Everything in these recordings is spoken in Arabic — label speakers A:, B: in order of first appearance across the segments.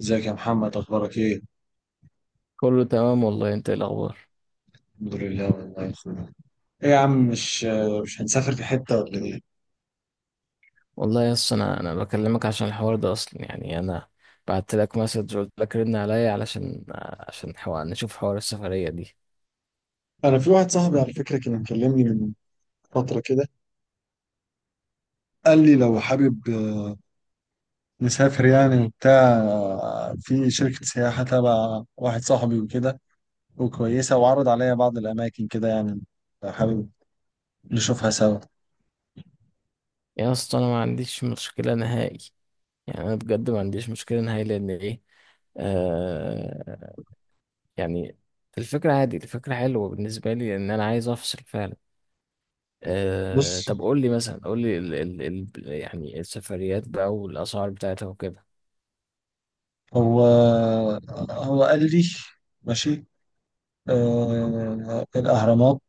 A: ازيك يا محمد، اخبارك ايه؟
B: كله تمام والله، انت ايه الاخبار؟
A: الحمد لله والله يا اخويا. ايه يا عم، مش هنسافر في حته ولا ايه؟
B: والله يا اسطى انا بكلمك عشان الحوار ده اصلا، يعني انا بعت لك مسج قلت لك رن عليا علشان حوار نشوف حوار السفريه دي.
A: انا في واحد صاحبي على فكره كان مكلمني من فتره كده، قال لي لو حابب نسافر يعني وبتاع، في شركه سياحه تبع واحد صاحبي وكده وكويسه، وعرض عليا بعض الاماكن كده يعني لو حابب نشوفها سوا.
B: يا اسطى انا ما عنديش مشكله نهائي، يعني انا بجد ما عنديش مشكله نهائي لان ايه، آه يعني الفكره عادي، الفكره حلوه بالنسبه لي لان انا عايز افصل فعلا.
A: بص،
B: طب قول لي مثلا، قول لي ال ال ال يعني السفريات بقى والاسعار بتاعتها وكده.
A: هو هو قال لي ماشي، الأهرامات،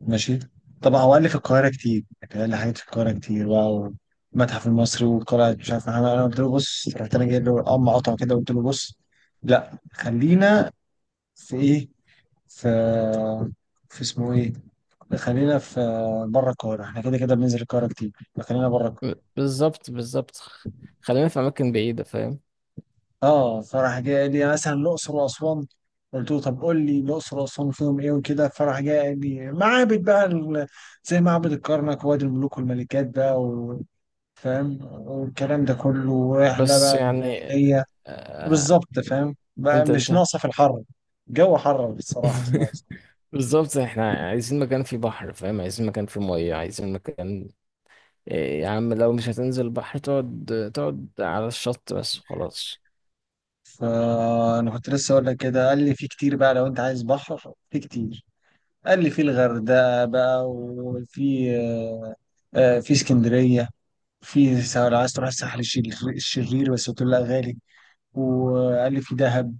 A: ماشي. طبعا هو قال لي في القاهرة كتير، يعني قال لي حاجات في القاهرة كتير بقى، والمتحف المصري والقلعة مش عارف. أنا قلت له بص، رحت أنا جايب له قطعة كده، قلت له بص، لا خلينا في إيه، في في اسمه إيه، خلينا في بره القاهرة. احنا كده كده بننزل القاهرة كتير، فخلينا بره القاهرة.
B: بالظبط بالظبط، خلينا في اماكن بعيده، فاهم؟
A: اه، فراح جاي قال لي مثلا الأقصر وأسوان، قلت له طب قول لي الأقصر وأسوان فيهم إيه وكده، فراح جاي قال لي معابد بقى، زي معبد الكرنك ووادي الملوك والملكات بقى، فاهم؟ والكلام ده كله، واحنا
B: بس
A: بقى
B: يعني،
A: الليلية
B: آه
A: بالظبط، فاهم بقى
B: انت
A: مش
B: انت
A: ناقصة في الحر، الجو حر بصراحة مش ناقصة.
B: بالظبط، احنا عايزين مكان فيه بحر، فاهم؟ عايزين مكان فيه ميه، عايزين مكان، إيه يا عم لو مش هتنزل البحر، تقعد تقعد على الشط بس وخلاص.
A: فأنا كنت لسه أقول لك كده، قال لي في كتير بقى، لو أنت عايز بحر في كتير. قال لي في الغردقة بقى، وفي في اسكندرية، لو عايز تروح الساحل الشرير، بس قلت له لا غالي. وقال لي في دهب،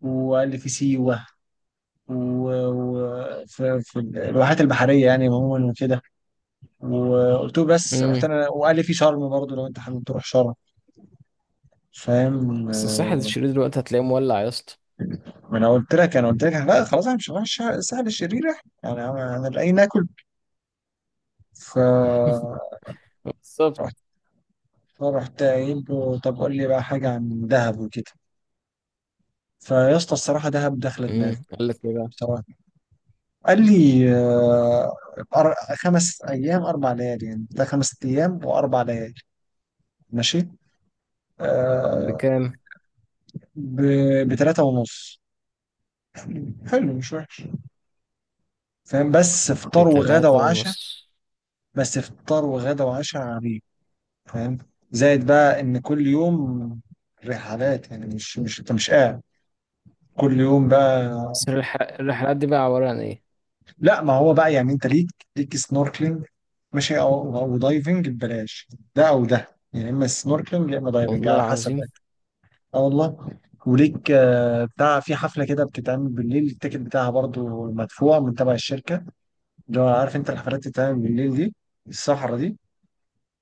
A: وقال لي في سيوة وفي الواحات البحرية يعني عموما وكده. وقلت له بس رحت
B: امم.
A: انا وقال لي في شرم برضه لو انت حابب تروح شرم، فاهم؟
B: بس الساحل الشرير دلوقتي هتلاقيه مولع يا اسطى.
A: ما انا قلت لك، لا خلاص انا مش هروح الساحل الشرير. احنا يعني انا لاقي ناكل فرحت.
B: بالظبط.
A: فرحت قايل له طب قول لي بقى حاجه عن دهب وكده. فيا اسطى الصراحه دهب داخله دماغي.
B: امم، قال لك ايه بقى؟
A: بصراحه قال لي، خمس ايام اربع ليالي، يعني ده خمس ايام واربع ليالي، ماشي. آه،
B: بكام؟
A: بتلاته ونص، حلو مش وحش، فاهم؟ بس فطار وغدا
B: بتلاتة
A: وعشاء.
B: ونص.
A: بس فطار وغدا وعشاء عبيد، فاهم؟ زائد بقى ان كل يوم رحلات، يعني مش انت مش قاعد، كل يوم بقى.
B: بس الرحلات دي بقى عبارة عن ايه؟
A: لا ما هو بقى يعني انت ليك، ليك سنوركلينج ماشي، او دايفنج ببلاش. ده او ده يعني، يا اما سنوركلينج يا اما دايفنج
B: والله
A: على حسب بقى.
B: العظيم.
A: اه والله. وليك بتاع في حفله كده بتتعمل بالليل، التيكت بتاعها برضو مدفوع من تبع الشركه، اللي هو عارف انت الحفلات اللي بتتعمل بالليل دي، الصحراء دي.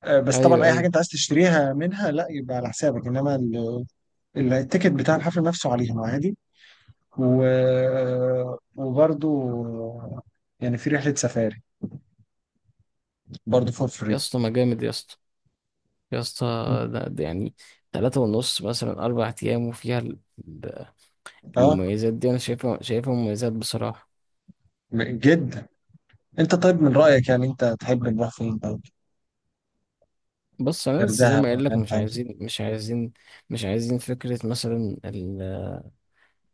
A: بس طبعا
B: ايوه
A: اي حاجه
B: ايوه،
A: انت عايز تشتريها منها لا، يبقى على حسابك. انما التيكت بتاع الحفل نفسه عليهم عادي. و... وبرضو يعني في رحله سفاري برضو فور
B: يا
A: فري.
B: اسطى ما جامد يا اسطى، يا اسطى، ده يعني تلاتة ونص مثلا أربع أيام، وفيها ال-
A: اه
B: المميزات دي، أنا شايفها شايفها مميزات بصراحة.
A: جدا. انت طيب من رايك، يعني انت تحب نروح فين طيب؟
B: بص، أنا لسه زي
A: الغردقه
B: ما قايل
A: ولا
B: لك، مش
A: انت عايز
B: عايزين مش عايزين مش عايزين فكرة مثلا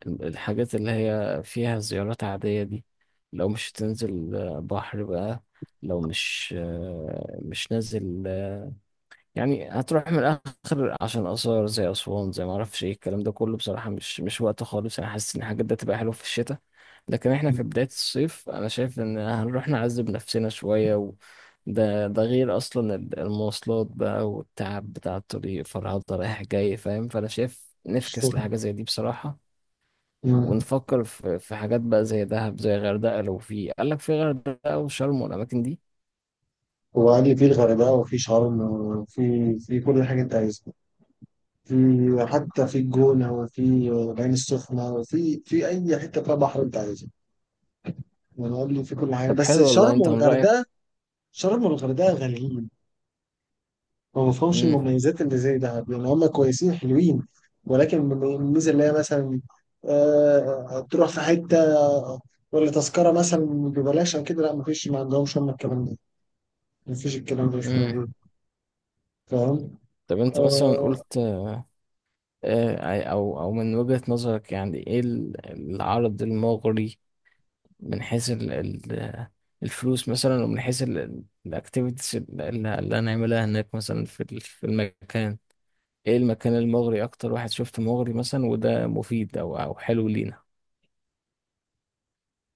B: الحاجات اللي هي فيها زيارات عادية دي. لو مش تنزل بحر بقى، لو مش نازل، يعني هتروح من الاخر عشان اثار زي اسوان زي ما اعرفش ايه الكلام ده كله. بصراحه مش وقت خالص، انا حاسس ان الحاجات ده تبقى حلوه في الشتاء، لكن احنا في بدايه الصيف، انا شايف ان هنروح نعذب نفسنا شويه و... ده غير اصلا المواصلات بقى والتعب بتاع الطريق، فرهضة رايح جاي، فاهم؟ فانا شايف نفكس
A: شرم.
B: لحاجه زي دي بصراحه.
A: مم.
B: ونفكر في حاجات بقى زي دهب، زي غردقه، لو في، قال لك في غردقه وشرم والاماكن دي.
A: وعلي في الغردقة وفي شرم وفي في كل حاجة أنت عايزها، في حتى في الجونة وفي العين السخنة، وفي أي حتة فيها بحر أنت عايزها. ونقول له في كل حاجه
B: طب
A: بس
B: حلو والله،
A: شرم
B: انت من رايك؟
A: والغردقه. شرم والغردقه غاليين، ما بفهمش المميزات اللي زي دهب، يعني هم كويسين حلوين، ولكن الميزه اللي هي مثلا تروح في حته ولا تذكره مثلا ببلاش او كده لا مفيش، ما عندهمش هم الكلام ده. مفيش، الكلام ده مش
B: امم.
A: موجود، فاهم؟
B: طب انت مثلا،
A: آه،
B: قلت او من وجهة نظرك، يعني ايه العرض المغري، من حيث الفلوس مثلا، ومن حيث الاكتيفيتيز اللي هنعملها هناك مثلا في في المكان، ايه المكان المغري اكتر واحد شفته مغري مثلا، وده مفيد او حلو لينا؟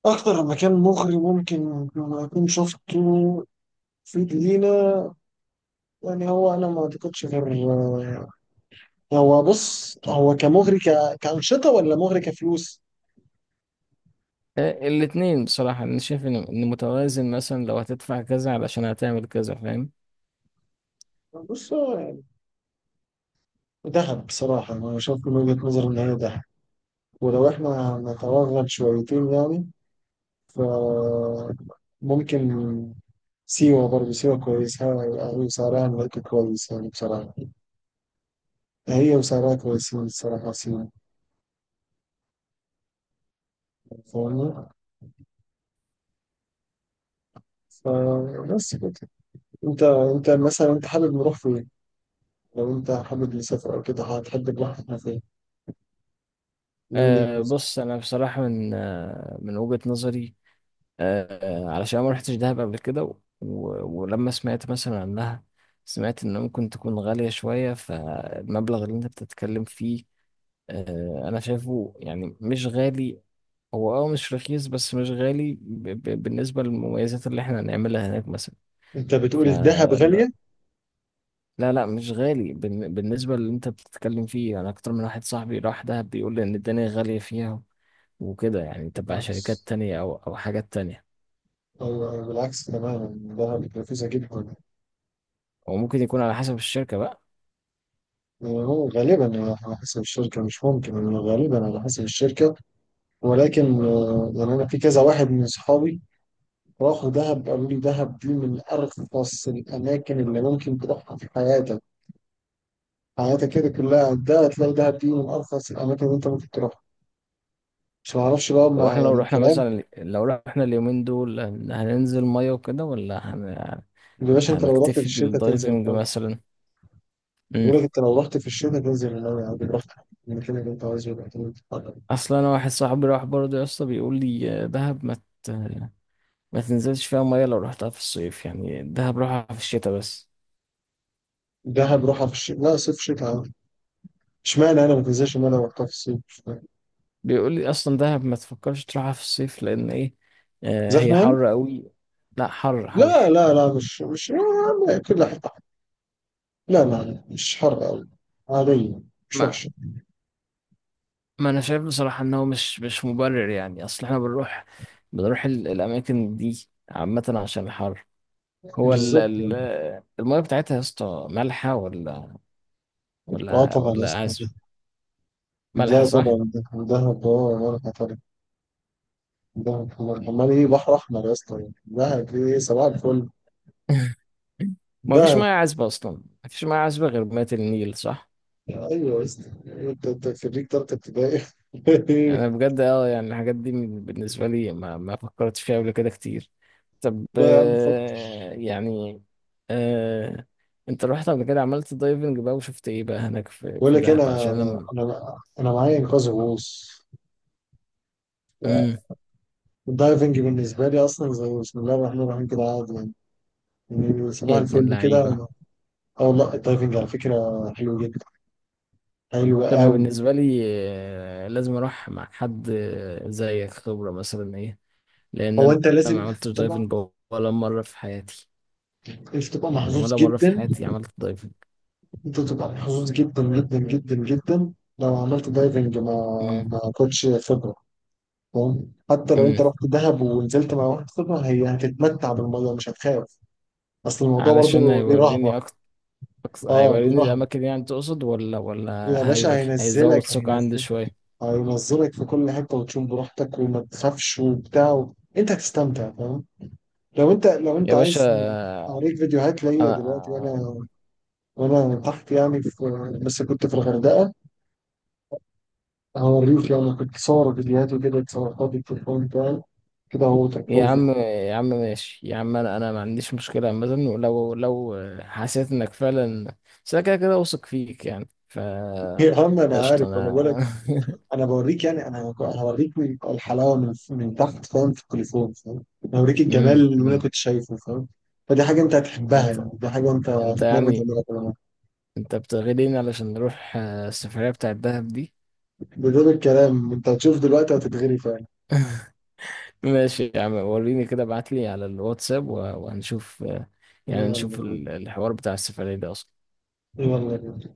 A: اكتر مكان مغري ممكن اكون شفته في جنينه، يعني هو انا ما اعتقدش غير هو بص، هو كمغري كأنشطة ولا مغري كفلوس؟
B: آه، الاتنين بصراحة، انا شايف إن متوازن، مثلا لو هتدفع كذا علشان هتعمل كذا، فاهم؟
A: بص هو يعني ذهب، بصراحة أنا شايف من وجهة نظري إن هي ذهب، ولو إحنا نتوغل شويتين يعني، ف ممكن سيوة برضه، سيوة كويسة وسعرها هناك كويس، يعني بصراحة هي وسعرها كويسين الصراحة سيوة، فاهمني؟ فبس كده. أنت مثلا أنت حابب نروح فين؟ لو أنت حابب نسافر أو كده هتحب نروح إحنا فين، من وجهة نظرك؟
B: بص انا بصراحة، من من وجهة نظري، علشان ما رحتش دهب قبل كده و... ولما سمعت مثلا عنها، سمعت ان ممكن تكون غالية شوية، فالمبلغ اللي انت بتتكلم فيه، انا شايفه يعني مش غالي. هو مش رخيص بس مش غالي بالنسبة للمميزات اللي احنا هنعملها هناك مثلا.
A: أنت بتقول الذهب
B: فلا،
A: غالية.
B: لا لا، مش غالي بالنسبة اللي انت بتتكلم فيه. انا اكتر من واحد صاحبي راح دهب بيقول لي ان الدنيا غالية فيها، وكده، يعني تبع شركات
A: بالعكس،
B: تانية او حاجات تانية.
A: أو بالعكس تماما، دهب رخيصة جدا.
B: وممكن يكون على حسب الشركة بقى.
A: يعني هو غالبا على حسب الشركة، مش ممكن يعني غالبا على حسب الشركة، ولكن يعني أنا في كذا واحد من صحابي راحوا دهب قالوا لي دهب دي من أرخص الأماكن اللي ممكن تروحها في حياتك. حياتك كده كلها ده هتلاقي دهب دي من أرخص الأماكن اللي أنت ممكن تروحها، مش معرفش بقى
B: طب
A: مع
B: احنا لو رحنا
A: الكلام.
B: مثلا، لو رحنا اليومين دول، هننزل ميه وكده ولا هن...،
A: يا باشا أنت لو رحت في
B: هنكتفي
A: الشركة تنزل
B: بالدايفنج
A: المية،
B: مثلا؟ امم.
A: بيقول لك أنت لو رحت في الشركة تنزل المية عادي، رحت المكان اللي أنت عايزه يبقى تنزل.
B: اصلا انا واحد صاحبي راح برضه يا اسطى، بيقول لي دهب ما ت...، ما تنزلش فيها ميه لو رحتها في الصيف، يعني دهب روحها في الشتاء بس.
A: دهب روحها في الشتاء، لا صيف شتاء عادي. اشمعنى انا، ما تنساش ان انا رحتها في الصيف، مش فاهم.
B: بيقول لي اصلا دهب ما تفكرش تروحها في الصيف لان ايه، هي
A: زحمه يعني؟
B: حر قوي. لا، حر
A: لا
B: حر.
A: لا لا مش يا عم كل حته حر. لا، مش حر قوي، عاديه، مش
B: ما
A: وحشه،
B: ما انا شايف بصراحه ان هو مش مبرر، يعني اصل احنا بنروح، بنروح الاماكن دي عامه عشان الحر. هو
A: بالظبط يعني.
B: المية بتاعتها يا اسطى مالحة ولا
A: اه
B: ولا
A: طبعا يا
B: ولا
A: اسطى.
B: عذبة؟ مالحة
A: لا
B: صح؟
A: طبعا، دهب اه، ولا طبعا، دهب حمار ايه، بحر احمر يا اسطى يعني. دهب ايه، صباح الفل.
B: ما فيش مية
A: دهب
B: عذبة أصلا، ما فيش مية عذبة غير مية النيل صح؟
A: ايوه يا اسطى، انت خريج تالتة ابتدائي.
B: أنا بجد يعني الحاجات دي بالنسبة لي، ما فكرتش فيها قبل كده كتير. طب،
A: لا يا عم فك.
B: يعني آه، أنت رحت قبل كده، عملت دايفنج بقى، وشفت إيه بقى هناك في,
A: بقول
B: في
A: لك إيه،
B: دهب
A: انا
B: عشان لما...
A: انا انا معايا انقاذ غوص.
B: مم.
A: الدايفنج بالنسبة لي أصلا زي بسم الله الرحمن الرحيم كده عادي يعني، يعني صباح
B: يا ابن
A: الفل كده.
B: اللعيبة.
A: أه والله الدايفنج على فكرة حلو جدا، حلو
B: لما
A: أوي.
B: بالنسبة لي لازم أروح مع حد زيك خبرة مثلا إيه، لأن
A: هو
B: أنا
A: أنت
B: ما
A: لازم
B: عملتش
A: تبقى،
B: دايفنج ولا مرة في حياتي،
A: مش تبقى
B: يعني
A: محظوظ
B: ولا مرة في
A: جدا.
B: حياتي عملت دايفنج.
A: أنت تبقى محظوظ جدا جدا لو عملت دايفنج مع
B: امم.
A: كوتش خبرة، فاهم؟ حتى لو أنت
B: امم.
A: رحت دهب ونزلت مع واحد خبرة، هي هتتمتع بالمية مش هتخاف، أصل الموضوع
B: علشان
A: برضه ليه رهبة.
B: هيوريني أكتر،
A: أه ليه
B: هيوريني
A: رهبة.
B: الأماكن يعني تقصد، ولا ولا
A: يا باشا
B: هي... هيزود
A: هينزلك،
B: ثقة عندي
A: هينزلك
B: شوية؟
A: هينزلك في كل حته، وتشوف براحتك وما تخافش وبتاع، انت هتستمتع، فاهم؟ لو انت
B: يا باشا
A: عايز اوريك فيديوهات ليا
B: أنا،
A: دلوقتي، وانا تحت يعني، بس كنت في الغردقه، هوريك. يعني كنت صور فيديوهات وكده، اتصورتها بالتليفون بتاعي كده، هو
B: يا
A: تكفوز.
B: عم يا عم ماشي يا عم، انا ما عنديش مشكله مثلا، ولو حسيت انك فعلا، بس انا كده كده واثق فيك يعني
A: يا عم انا
B: قشطه
A: عارف، انا
B: انا.
A: بقول لك انا بوريك، يعني انا هوريك الحلاوه من تحت فاهم، في التليفون فاهم، هوريك الجمال
B: أمم،
A: اللي انا
B: أمم.
A: كنت شايفه، فاهم؟ فدي حاجه انت هتحبها،
B: انت
A: يعني دي حاجه انت
B: انت
A: هتتمنى
B: يعني
A: تعملها.
B: انت بتغلين علشان نروح السفريه بتاعه الدهب دي؟
A: بدون الكلام انت هتشوف دلوقتي هتتغري فعلا.
B: ماشي يا عم، وريني كده، ابعت لي على الواتساب وهنشوف يعني
A: يلا
B: نشوف الحوار بتاع السفريه ده اصلا.
A: يلا.